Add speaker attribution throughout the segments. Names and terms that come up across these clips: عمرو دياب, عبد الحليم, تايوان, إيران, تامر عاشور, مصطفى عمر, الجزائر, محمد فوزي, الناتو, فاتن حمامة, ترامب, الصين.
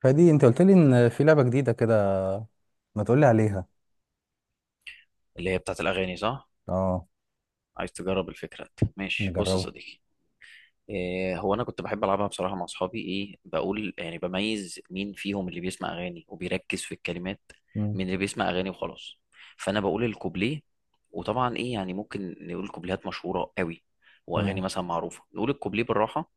Speaker 1: فدي انت قلت لي ان في لعبة جديدة كده، ما تقول لي عليها.
Speaker 2: اللي هي بتاعت الاغاني، صح؟
Speaker 1: اه،
Speaker 2: عايز تجرب الفكره دي. ماشي، بص يا
Speaker 1: نجربها.
Speaker 2: صديقي. إيه هو انا كنت بحب العبها بصراحه مع اصحابي، ايه بقول يعني، بميز مين فيهم اللي بيسمع اغاني وبيركز في الكلمات
Speaker 1: مم.
Speaker 2: من اللي بيسمع اغاني وخلاص. فانا بقول الكوبليه، وطبعا ايه يعني ممكن نقول كوبليهات مشهوره قوي، واغاني
Speaker 1: تمام.
Speaker 2: مثلا معروفه، نقول الكوبليه بالراحه.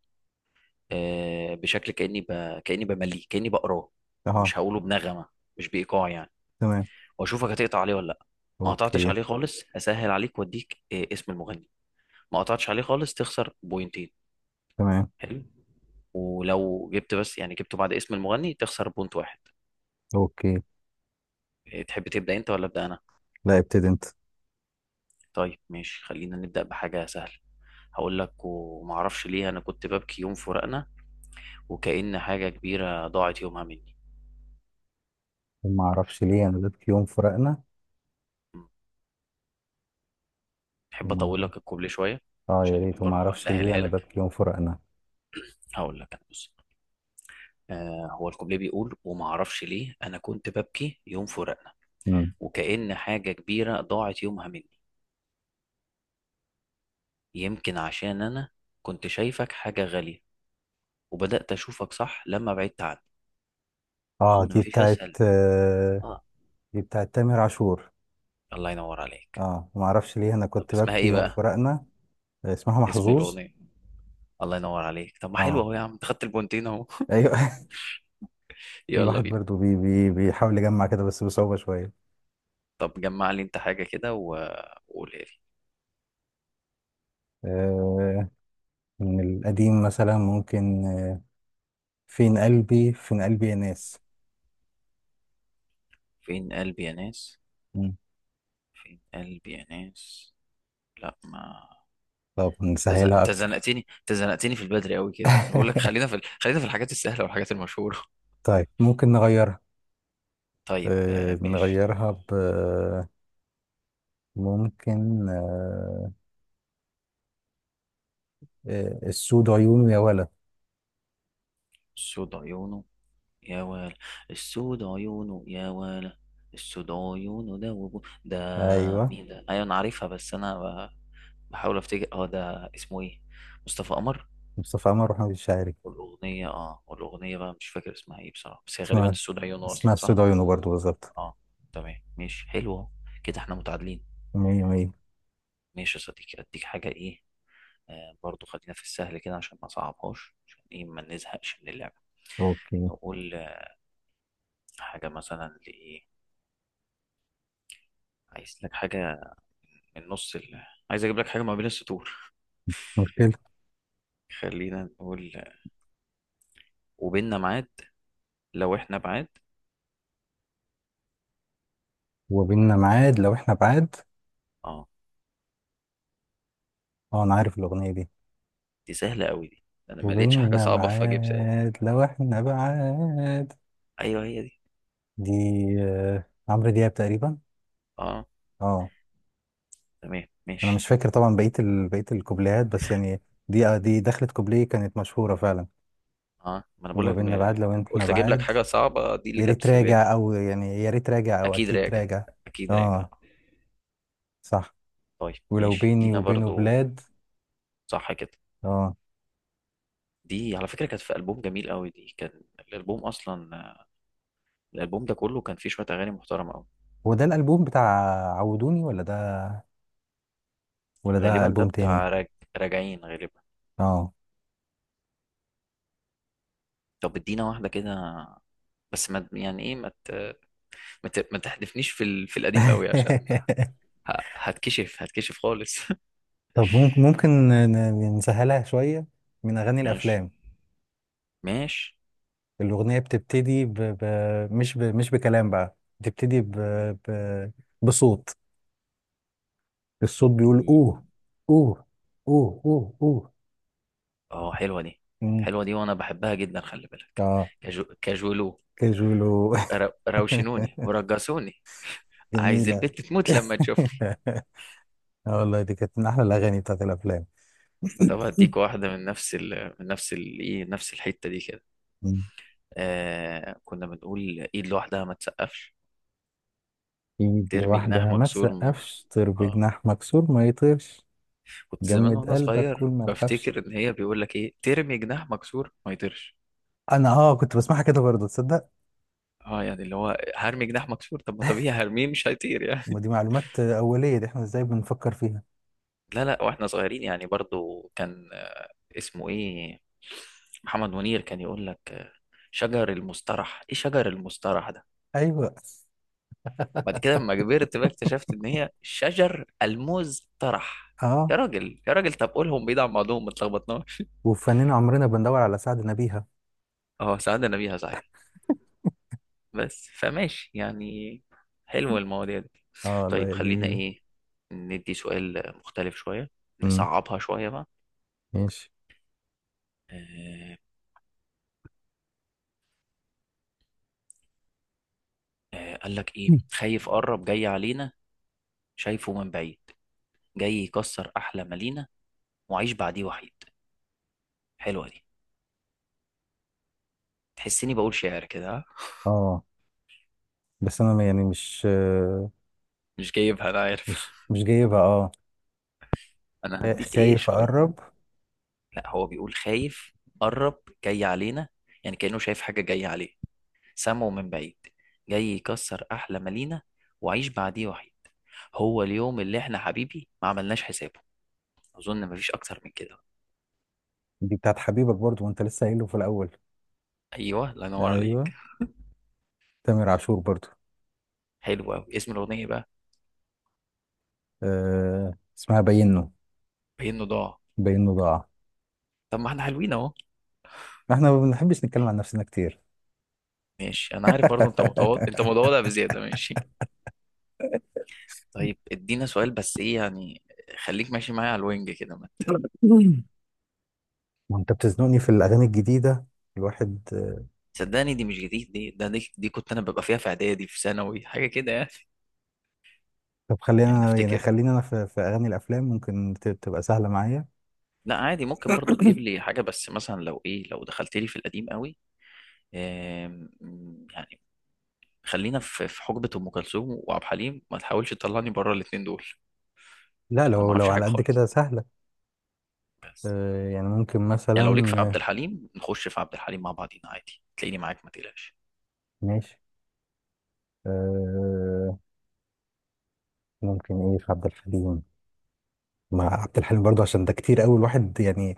Speaker 2: بشكل كاني بمليه، كاني بقراه.
Speaker 1: اه.
Speaker 2: مش هقوله بنغمه، مش بايقاع يعني.
Speaker 1: تمام.
Speaker 2: واشوفك هتقطع عليه ولا لا. ما قطعتش
Speaker 1: اوكي.
Speaker 2: عليه خالص هسهل عليك واديك اسم المغني. ما قطعتش عليه خالص تخسر بوينتين.
Speaker 1: تمام.
Speaker 2: حلو. ولو جبت بس يعني جبته بعد اسم المغني تخسر بونت واحد.
Speaker 1: اوكي.
Speaker 2: إيه، تحب تبدأ انت ولا ابدأ انا؟
Speaker 1: لا، ابتدي انت.
Speaker 2: طيب ماشي، خلينا نبدأ بحاجة سهلة. هقول لك: وما اعرفش ليه انا كنت ببكي يوم فراقنا، وكأن حاجة كبيرة ضاعت يومها مني.
Speaker 1: وما اعرفش ليه انا ببكي يوم فراقنا.
Speaker 2: م. تحب
Speaker 1: وما
Speaker 2: اطول لك
Speaker 1: اعرفش.
Speaker 2: الكوبليه شوية؟
Speaker 1: اه، يا
Speaker 2: عشان يبقى
Speaker 1: ريت. وما
Speaker 2: برضه
Speaker 1: اعرفش ليه
Speaker 2: اسهلها
Speaker 1: انا
Speaker 2: لك.
Speaker 1: ببكي يوم فراقنا.
Speaker 2: هقول لك أنا، بص. آه هو الكوبليه بيقول: وما اعرفش ليه انا كنت ببكي يوم فراقنا،
Speaker 1: مم.
Speaker 2: وكأن حاجة كبيرة ضاعت يومها مني، يمكن عشان انا كنت شايفك حاجة غالية، وبدأت اشوفك صح لما بعدت عني.
Speaker 1: اه،
Speaker 2: اظن
Speaker 1: دي
Speaker 2: مفيش
Speaker 1: بتاعت
Speaker 2: اسهل. اه
Speaker 1: دي بتاعت تامر عاشور.
Speaker 2: الله ينور عليك.
Speaker 1: اه، وما اعرفش ليه انا
Speaker 2: طب
Speaker 1: كنت
Speaker 2: اسمها
Speaker 1: ببكي
Speaker 2: ايه
Speaker 1: يوم
Speaker 2: بقى؟
Speaker 1: فراقنا. اسمها
Speaker 2: اسم
Speaker 1: محظوظ.
Speaker 2: الاغنية. الله ينور عليك، طب ما حلو
Speaker 1: اه.
Speaker 2: اهو، يا عم انت خدت البونتين اهو.
Speaker 1: ايوه.
Speaker 2: يلا
Speaker 1: الواحد
Speaker 2: بينا.
Speaker 1: برضو بي بي بيحاول يجمع كده بس بصعوبة شوية.
Speaker 2: طب جمع لي انت حاجة كده وقولها لي.
Speaker 1: آه من القديم مثلا ممكن، فين قلبي، فين قلبي يا ناس.
Speaker 2: فين قلبي يا ناس،
Speaker 1: مم.
Speaker 2: قلبي يا ناس. لا ما
Speaker 1: طب نسهلها
Speaker 2: انت
Speaker 1: أكتر.
Speaker 2: زنقتني انت زنقتني في البدري قوي كده، أنا بقول لك خلينا في الحاجات السهلة والحاجات المشهورة.
Speaker 1: طيب ممكن نغيرها،
Speaker 2: طيب ماشي.
Speaker 1: نغيرها ب، ممكن، السود عيونه يا ولد.
Speaker 2: سود عيونه يا ويل، السود عيونه يا ويل، السود عيونه ده وبو ده.
Speaker 1: أيوه.
Speaker 2: مين ده؟ ايوه انا عارفها بس انا بحاول افتكر، اه ده اسمه ايه؟ مصطفى قمر.
Speaker 1: مصطفى عمر وحمد الشاعري.
Speaker 2: والاغنيه، اه والاغنيه بقى مش فاكر اسمها ايه بصراحه، بس هي غالبا
Speaker 1: اسمها،
Speaker 2: السود عيونه
Speaker 1: اسمها
Speaker 2: اصلا،
Speaker 1: السود
Speaker 2: صح.
Speaker 1: عيونه برضه بالظبط.
Speaker 2: اه تمام ماشي، حلوه. كده احنا متعادلين.
Speaker 1: مية مية.
Speaker 2: ماشي يا صديقي، اديك حاجه ايه. برضو خلينا في السهل كده عشان ما صعبهاش، عشان ايه ما نزهقش من اللعبه.
Speaker 1: أوكي. مش
Speaker 2: نقول حاجه مثلا لايه. عايز لك حاجه من عايز اجيب لك حاجه ما بين السطور.
Speaker 1: مشكلة.
Speaker 2: خلينا نقول: وبيننا ميعاد لو احنا بعاد.
Speaker 1: وبيننا ميعاد لو إحنا بعاد.
Speaker 2: اه
Speaker 1: أه، أنا عارف الأغنية دي.
Speaker 2: دي سهله قوي دي، انا ما لقيتش حاجه
Speaker 1: وبيننا
Speaker 2: صعبه فاجيب سهل.
Speaker 1: ميعاد لو إحنا بعاد.
Speaker 2: ايوه هي دي.
Speaker 1: دي عمرو دياب تقريبا.
Speaker 2: اه
Speaker 1: اه.
Speaker 2: تمام
Speaker 1: انا مش
Speaker 2: ماشي.
Speaker 1: فاكر طبعا بقيه الكوبليهات بس يعني، دي دي دخلت كوبليه كانت مشهوره فعلا.
Speaker 2: اه ما انا بقول
Speaker 1: وما
Speaker 2: لك
Speaker 1: بيننا بعاد لو احنا
Speaker 2: قلت اجيب لك
Speaker 1: بعاد.
Speaker 2: حاجه صعبه، دي اللي
Speaker 1: يا
Speaker 2: جت
Speaker 1: ريت
Speaker 2: في بالي.
Speaker 1: راجع او يعني يا ريت راجع او
Speaker 2: اكيد
Speaker 1: اكيد
Speaker 2: راجع،
Speaker 1: راجع.
Speaker 2: اكيد راجع.
Speaker 1: اه. صح.
Speaker 2: طيب
Speaker 1: ولو
Speaker 2: ماشي
Speaker 1: بيني
Speaker 2: دينا
Speaker 1: وبينه
Speaker 2: برضو.
Speaker 1: بلاد.
Speaker 2: صح كده.
Speaker 1: اه.
Speaker 2: دي على فكره كانت في البوم جميل قوي دي، كان الالبوم اصلا، الالبوم ده كله كان فيه شويه اغاني محترمه قوي.
Speaker 1: هو ده الالبوم بتاع عودوني، ولا ده، ولا ده
Speaker 2: غالبا ده
Speaker 1: البوم تاني؟
Speaker 2: بتاع راجعين غالبا.
Speaker 1: اه.
Speaker 2: طب ادينا واحدة كده، بس ما يعني ايه ما تحدفنيش في القديم قوي، عشان هتكشف، هتكشف خالص.
Speaker 1: طب ممكن، ممكن نسهلها شويه. من اغاني
Speaker 2: ماشي
Speaker 1: الافلام.
Speaker 2: ماشي.
Speaker 1: الأغنية بتبتدي مش بكلام بقى، ب... بصوت. الصوت بيقول أوه، أوه، أوه أوه أوه.
Speaker 2: اه حلوة دي،
Speaker 1: مم.
Speaker 2: حلوة دي وانا بحبها جدا، خلي بالك.
Speaker 1: اه،
Speaker 2: كاجولو،
Speaker 1: كاجولو.
Speaker 2: روشنوني ورجسوني، عايز
Speaker 1: جميلة.
Speaker 2: البت تموت لما تشوفني.
Speaker 1: اه والله دي كانت من أحلى الأغاني بتاعت الأفلام.
Speaker 2: طب هديك واحدة من نفس ايه نفس الحتة دي كده.
Speaker 1: مم.
Speaker 2: كنا بنقول: ايد لوحدها ما تسقفش،
Speaker 1: إيد
Speaker 2: ترمي جناح
Speaker 1: لوحدها ما
Speaker 2: مكسور
Speaker 1: تسقفش، طير
Speaker 2: اه.
Speaker 1: بجناح مكسور ما يطيرش،
Speaker 2: كنت زمان
Speaker 1: جمد
Speaker 2: وانا
Speaker 1: قلبك
Speaker 2: صغير
Speaker 1: كل ما تخافش.
Speaker 2: بفتكر ان هي بيقول لك ايه، ترمي جناح مكسور ما يطيرش.
Speaker 1: أنا اه كنت بسمعها كده برضه، تصدق؟
Speaker 2: اه يعني اللي هو هرمي جناح مكسور، طب ما طبيعي هرميه مش هيطير
Speaker 1: ما
Speaker 2: يعني.
Speaker 1: دي معلومات أولية دي، احنا ازاي بنفكر فيها؟
Speaker 2: لا لا، واحنا صغيرين يعني برضو كان اسمه ايه، محمد منير كان يقول لك شجر المسترح، ايه شجر المسترح ده؟
Speaker 1: أيوه.
Speaker 2: بعد كده لما كبرت بقى اكتشفت ان هي شجر المزترح.
Speaker 1: اه،
Speaker 2: يا راجل يا راجل، طب قولهم بعيد عن بعضهم ما اتلخبطناش.
Speaker 1: وفنان عمرنا بندور على سعد نبيها.
Speaker 2: اه سعدنا بيها صحيح، بس فماشي يعني، حلو المواضيع دي.
Speaker 1: اه الله،
Speaker 2: طيب
Speaker 1: يا
Speaker 2: خلينا
Speaker 1: جميلة.
Speaker 2: ايه، ندي سؤال مختلف شوية،
Speaker 1: امم
Speaker 2: نصعبها شوية بقى.
Speaker 1: ماشي.
Speaker 2: آه قال لك ايه:
Speaker 1: مم.
Speaker 2: خايف قرب جاي علينا، شايفه من بعيد، جاي يكسر احلى ما لينا، وعيش بعديه وحيد. حلوة دي، تحسني بقول شعر كده، ها؟
Speaker 1: اه، بس انا يعني مش،
Speaker 2: مش جايبها انا عارف.
Speaker 1: مش جايبها اه.
Speaker 2: انا هديك ايه
Speaker 1: خايف
Speaker 2: شوية.
Speaker 1: اقرب.
Speaker 2: لا هو بيقول: خايف قرب جاي علينا، يعني كأنه شايف حاجة جاية عليه، سامعه من بعيد، جاي يكسر أحلى مالينا، وعيش بعديه وحيد، هو اليوم اللي احنا حبيبي ما عملناش حسابه. أظن مفيش أكتر من كده.
Speaker 1: دي بتاعت حبيبك برضو، وانت لسه قايله في الاول.
Speaker 2: أيوه الله ينور
Speaker 1: ايوه.
Speaker 2: عليك.
Speaker 1: تامر عاشور برضو.
Speaker 2: حلو أوي، اسم الأغنية بقى.
Speaker 1: اسمها بينه.
Speaker 2: بينه ضاع.
Speaker 1: بينه ضاع.
Speaker 2: طب ما احنا حلوين أهو.
Speaker 1: احنا ما بنحبش نتكلم عن نفسنا كتير.
Speaker 2: ماشي أنا عارف برضه، أنت متواضع، أنت متواضع بزيادة ماشي. طيب ادينا سؤال، بس إيه يعني، خليك ماشي معايا على الوينج كده ما ت-
Speaker 1: وانت بتزنقني في الاغاني الجديده، الواحد.
Speaker 2: صدقني، دي مش جديد، دي كنت أنا ببقى فيها في إعدادي في ثانوي، حاجة كده يعني.
Speaker 1: طب
Speaker 2: يعني
Speaker 1: خلينا يعني
Speaker 2: أفتكر،
Speaker 1: خلينا انا في اغاني الافلام ممكن تبقى سهله معايا.
Speaker 2: لا عادي ممكن برضو تجيب لي حاجة، بس مثلا لو ايه لو دخلت لي في القديم قوي. آم، يعني خلينا في حقبة ام كلثوم وعبد الحليم، ما تحاولش تطلعني بره الاتنين دول،
Speaker 1: لا،
Speaker 2: عشان انا ما
Speaker 1: لو لو
Speaker 2: اعرفش حاجة
Speaker 1: على قد
Speaker 2: خالص،
Speaker 1: كده سهلة.
Speaker 2: بس.
Speaker 1: يعني ممكن
Speaker 2: يعني لو ليك في
Speaker 1: مثلا،
Speaker 2: عبد
Speaker 1: آه،
Speaker 2: الحليم، نخش في عبد الحليم مع بعضينا عادي، تلاقيني معاك ما تقلقش.
Speaker 1: ماشي. آه، ممكن ايه في عبد الحليم. مع عبد الحليم برضو عشان ده كتير قوي الواحد يعني،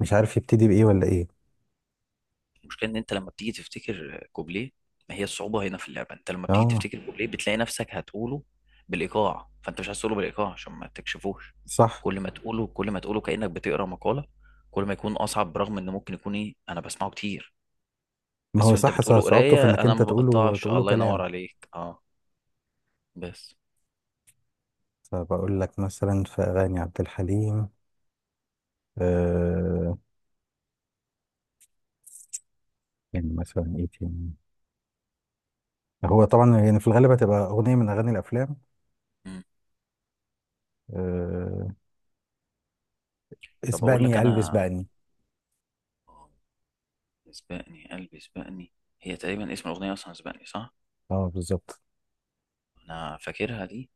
Speaker 1: مش عارف يبتدي بإيه ولا ايه.
Speaker 2: المشكله ان انت لما بتيجي تفتكر كوبليه، ما هي الصعوبه هنا في اللعبه، انت لما بتيجي
Speaker 1: اه.
Speaker 2: تفتكر كوبليه بتلاقي نفسك هتقوله بالايقاع، فانت مش عايز تقوله بالايقاع عشان ما تكشفوش.
Speaker 1: صح.
Speaker 2: كل ما تقوله، كل ما تقوله كانك بتقرا مقاله، كل ما يكون اصعب، برغم ان ممكن يكون ايه انا بسمعه كتير.
Speaker 1: ما هو
Speaker 2: بس وانت
Speaker 1: صح،
Speaker 2: بتقوله
Speaker 1: صعوبته في
Speaker 2: قرايه
Speaker 1: انك
Speaker 2: انا
Speaker 1: انت
Speaker 2: ما بقطعش،
Speaker 1: تقوله
Speaker 2: الله ينور
Speaker 1: كلام.
Speaker 2: عليك اه. بس.
Speaker 1: فبقول لك مثلا في أغاني عبد الحليم، آه، يعني مثلا ايه تاني. هو طبعا يعني في الغالب هتبقى أغنية من أغاني الأفلام.
Speaker 2: مم.
Speaker 1: آه،
Speaker 2: طب اقول
Speaker 1: اسبقني
Speaker 2: لك
Speaker 1: يا قلبي
Speaker 2: انا:
Speaker 1: اسبقني.
Speaker 2: سبقني قلبي سبقني. هي تقريبا اسم الاغنيه اصلا سبقني، صح.
Speaker 1: اه بالظبط.
Speaker 2: انا فاكرها دي،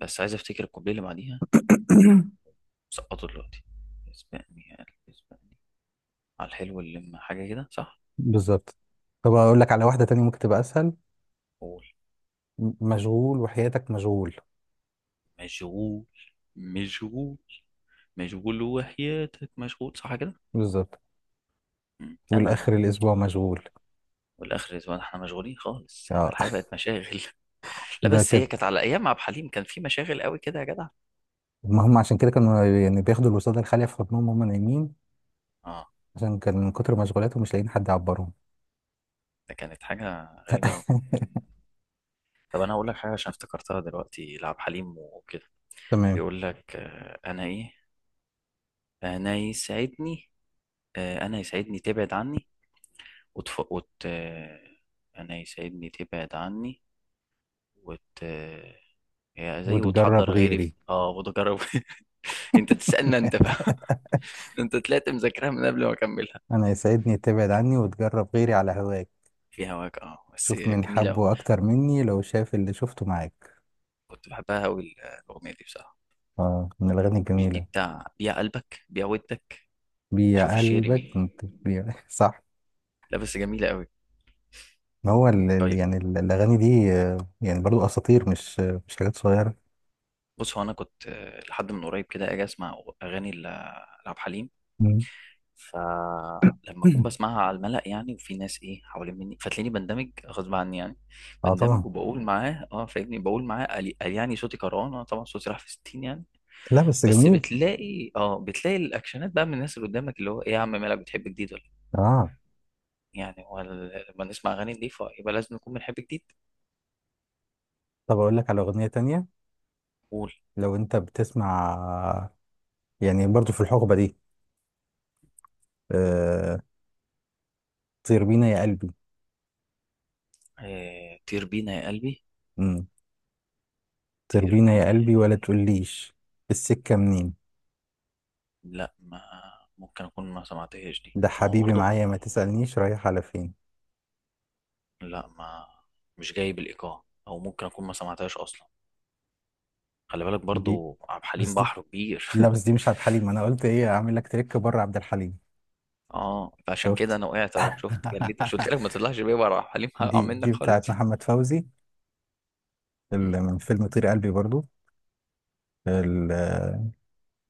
Speaker 2: بس عايز افتكر الكوبليه اللي بعديها. سقطه دلوقتي. اسبقني يا قلبي اسبقني، على الحلو اللي لما حاجة كده، صح.
Speaker 1: بالظبط. طب اقول لك على واحده تانية ممكن تبقى اسهل.
Speaker 2: قول.
Speaker 1: مشغول وحياتك مشغول.
Speaker 2: مشغول، مشغول، مشغول وحياتك مشغول، صح كده.
Speaker 1: بالظبط.
Speaker 2: مم.
Speaker 1: والاخر
Speaker 2: أنا
Speaker 1: الاسبوع مشغول.
Speaker 2: والآخر الأسبوع احنا مشغولين خالص، احنا
Speaker 1: اه.
Speaker 2: الحياة بقت مشاغل. لا
Speaker 1: ده
Speaker 2: بس
Speaker 1: كده.
Speaker 2: هي كانت على أيام مع عبد الحليم كان في مشاغل قوي كده يا جدع.
Speaker 1: ما هم عشان كده كانوا يعني بياخدوا الوساده الخاليه في حضنهم وهم نايمين،
Speaker 2: اه
Speaker 1: عشان كان من كتر مشغولاتهم مش لاقيين حد يعبرهم.
Speaker 2: ده كانت حاجة غريبة قوي. طب أنا أقول لك حاجة عشان افتكرتها دلوقتي لعبد الحليم وكده.
Speaker 1: تمام.
Speaker 2: بيقول لك أنا يسعدني، أنا يسعدني تبعد عني وتف... وت... أنا يساعدني تبعد عني وت... هي زي
Speaker 1: وتجرب
Speaker 2: وتحضر غيري
Speaker 1: غيري.
Speaker 2: اه وتجرب. انت تسألنا انت بقى. انت طلعت مذاكرها من قبل ما اكملها.
Speaker 1: انا يسعدني تبعد عني وتجرب غيري على هواك،
Speaker 2: في هواك، اه بس
Speaker 1: شوف من
Speaker 2: جميلة أوي.
Speaker 1: حبه اكتر مني لو شاف اللي شفته معاك.
Speaker 2: كنت بحبها أوي الأغنية دي بصراحة.
Speaker 1: اه، من الاغاني
Speaker 2: مش دي
Speaker 1: الجميله.
Speaker 2: بتاع بيع قلبك بيع ودك؟ شوف
Speaker 1: بيع
Speaker 2: الشعر
Speaker 1: قلبك
Speaker 2: مين،
Speaker 1: انت بيع. صح.
Speaker 2: لا بس جميلة أوي.
Speaker 1: ما هو
Speaker 2: طيب
Speaker 1: يعني الأغاني دي يعني برضو أساطير، مش مش حاجات صغيرة.
Speaker 2: بص، هو أنا كنت لحد من قريب كده أجي أسمع أغاني لعبد الحليم،
Speaker 1: مم.
Speaker 2: فلما اكون بسمعها على الملأ يعني وفي ناس ايه حوالين مني، فتلاقيني بندمج غصب عني يعني،
Speaker 1: اه
Speaker 2: بندمج
Speaker 1: طبعا.
Speaker 2: وبقول معاه، اه فاهمني، بقول معاه قال قال يعني صوتي كرهان، انا طبعا صوتي راح في 60 يعني.
Speaker 1: لا، بس
Speaker 2: بس
Speaker 1: جميل.
Speaker 2: بتلاقي الاكشنات بقى من الناس اللي قدامك، اللي هو ايه يا عم مالك بتحب جديد ولا
Speaker 1: اه.
Speaker 2: إيه؟ يعني هو لما نسمع اغاني نضيفه يبقى لازم نكون بنحب جديد.
Speaker 1: طب أقول لك على أغنية تانية.
Speaker 2: قول.
Speaker 1: لو أنت بتسمع، يعني برضو في الحقبة دي، آه، طير بينا يا قلبي.
Speaker 2: آه طير بينا يا قلبي،
Speaker 1: مم. طير
Speaker 2: طير
Speaker 1: بينا يا
Speaker 2: بينا،
Speaker 1: قلبي ولا تقوليش السكة منين،
Speaker 2: لا ما ممكن اكون ما سمعتهاش دي،
Speaker 1: ده
Speaker 2: ما هو
Speaker 1: حبيبي
Speaker 2: برضه،
Speaker 1: معايا ما تسألنيش رايح على فين.
Speaker 2: لا ما مش جايب الإيقاع، أو ممكن أكون ما سمعتهاش أصلا، خلي بالك
Speaker 1: دي
Speaker 2: برضو عبد الحليم
Speaker 1: دي،
Speaker 2: بحر كبير.
Speaker 1: لا، بس دي مش عبد الحليم، أنا قلت إيه أعمل لك تريك بره عبد الحليم.
Speaker 2: اه فعشان كده
Speaker 1: شفت.
Speaker 2: أنا وقعت أهو، شفت جليت، مش قلت لك ما تطلعش بيه بره عبد الحليم هقع
Speaker 1: دي
Speaker 2: منك خالص.
Speaker 1: بتاعت محمد فوزي.
Speaker 2: مم.
Speaker 1: من فيلم طير قلبي برضو. ال-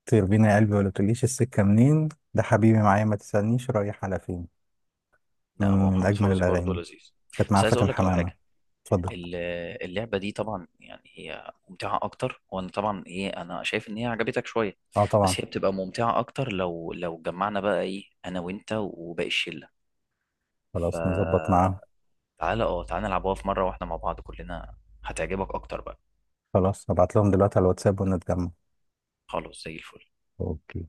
Speaker 1: طير بينا يا قلبي ولا تقوليش السكة منين، ده حبيبي معايا ما تسألنيش رايح على فين. من
Speaker 2: لا هو
Speaker 1: من
Speaker 2: محمد
Speaker 1: أجمل
Speaker 2: فوزي برضو
Speaker 1: الأغاني.
Speaker 2: لذيذ.
Speaker 1: كانت مع
Speaker 2: بس عايز أقول
Speaker 1: فاتن
Speaker 2: لك على
Speaker 1: حمامة.
Speaker 2: حاجة.
Speaker 1: اتفضل.
Speaker 2: ال- اللعبة دي طبعا يعني هي ممتعة أكتر، وأنا طبعا إيه أنا شايف إن هي عجبتك شوية،
Speaker 1: اه طبعا.
Speaker 2: بس هي بتبقى ممتعة أكتر لو جمعنا بقى إيه أنا وأنت وباقي الشلة. ف
Speaker 1: خلاص نظبط معاهم.
Speaker 2: تعالى اه تعالى نلعبوها في مرة واحنا مع بعض كلنا، هتعجبك اكتر بقى.
Speaker 1: خلاص هبعت لهم دلوقتي على الواتساب ونتجمع.
Speaker 2: خلاص زي الفل.
Speaker 1: اوكي.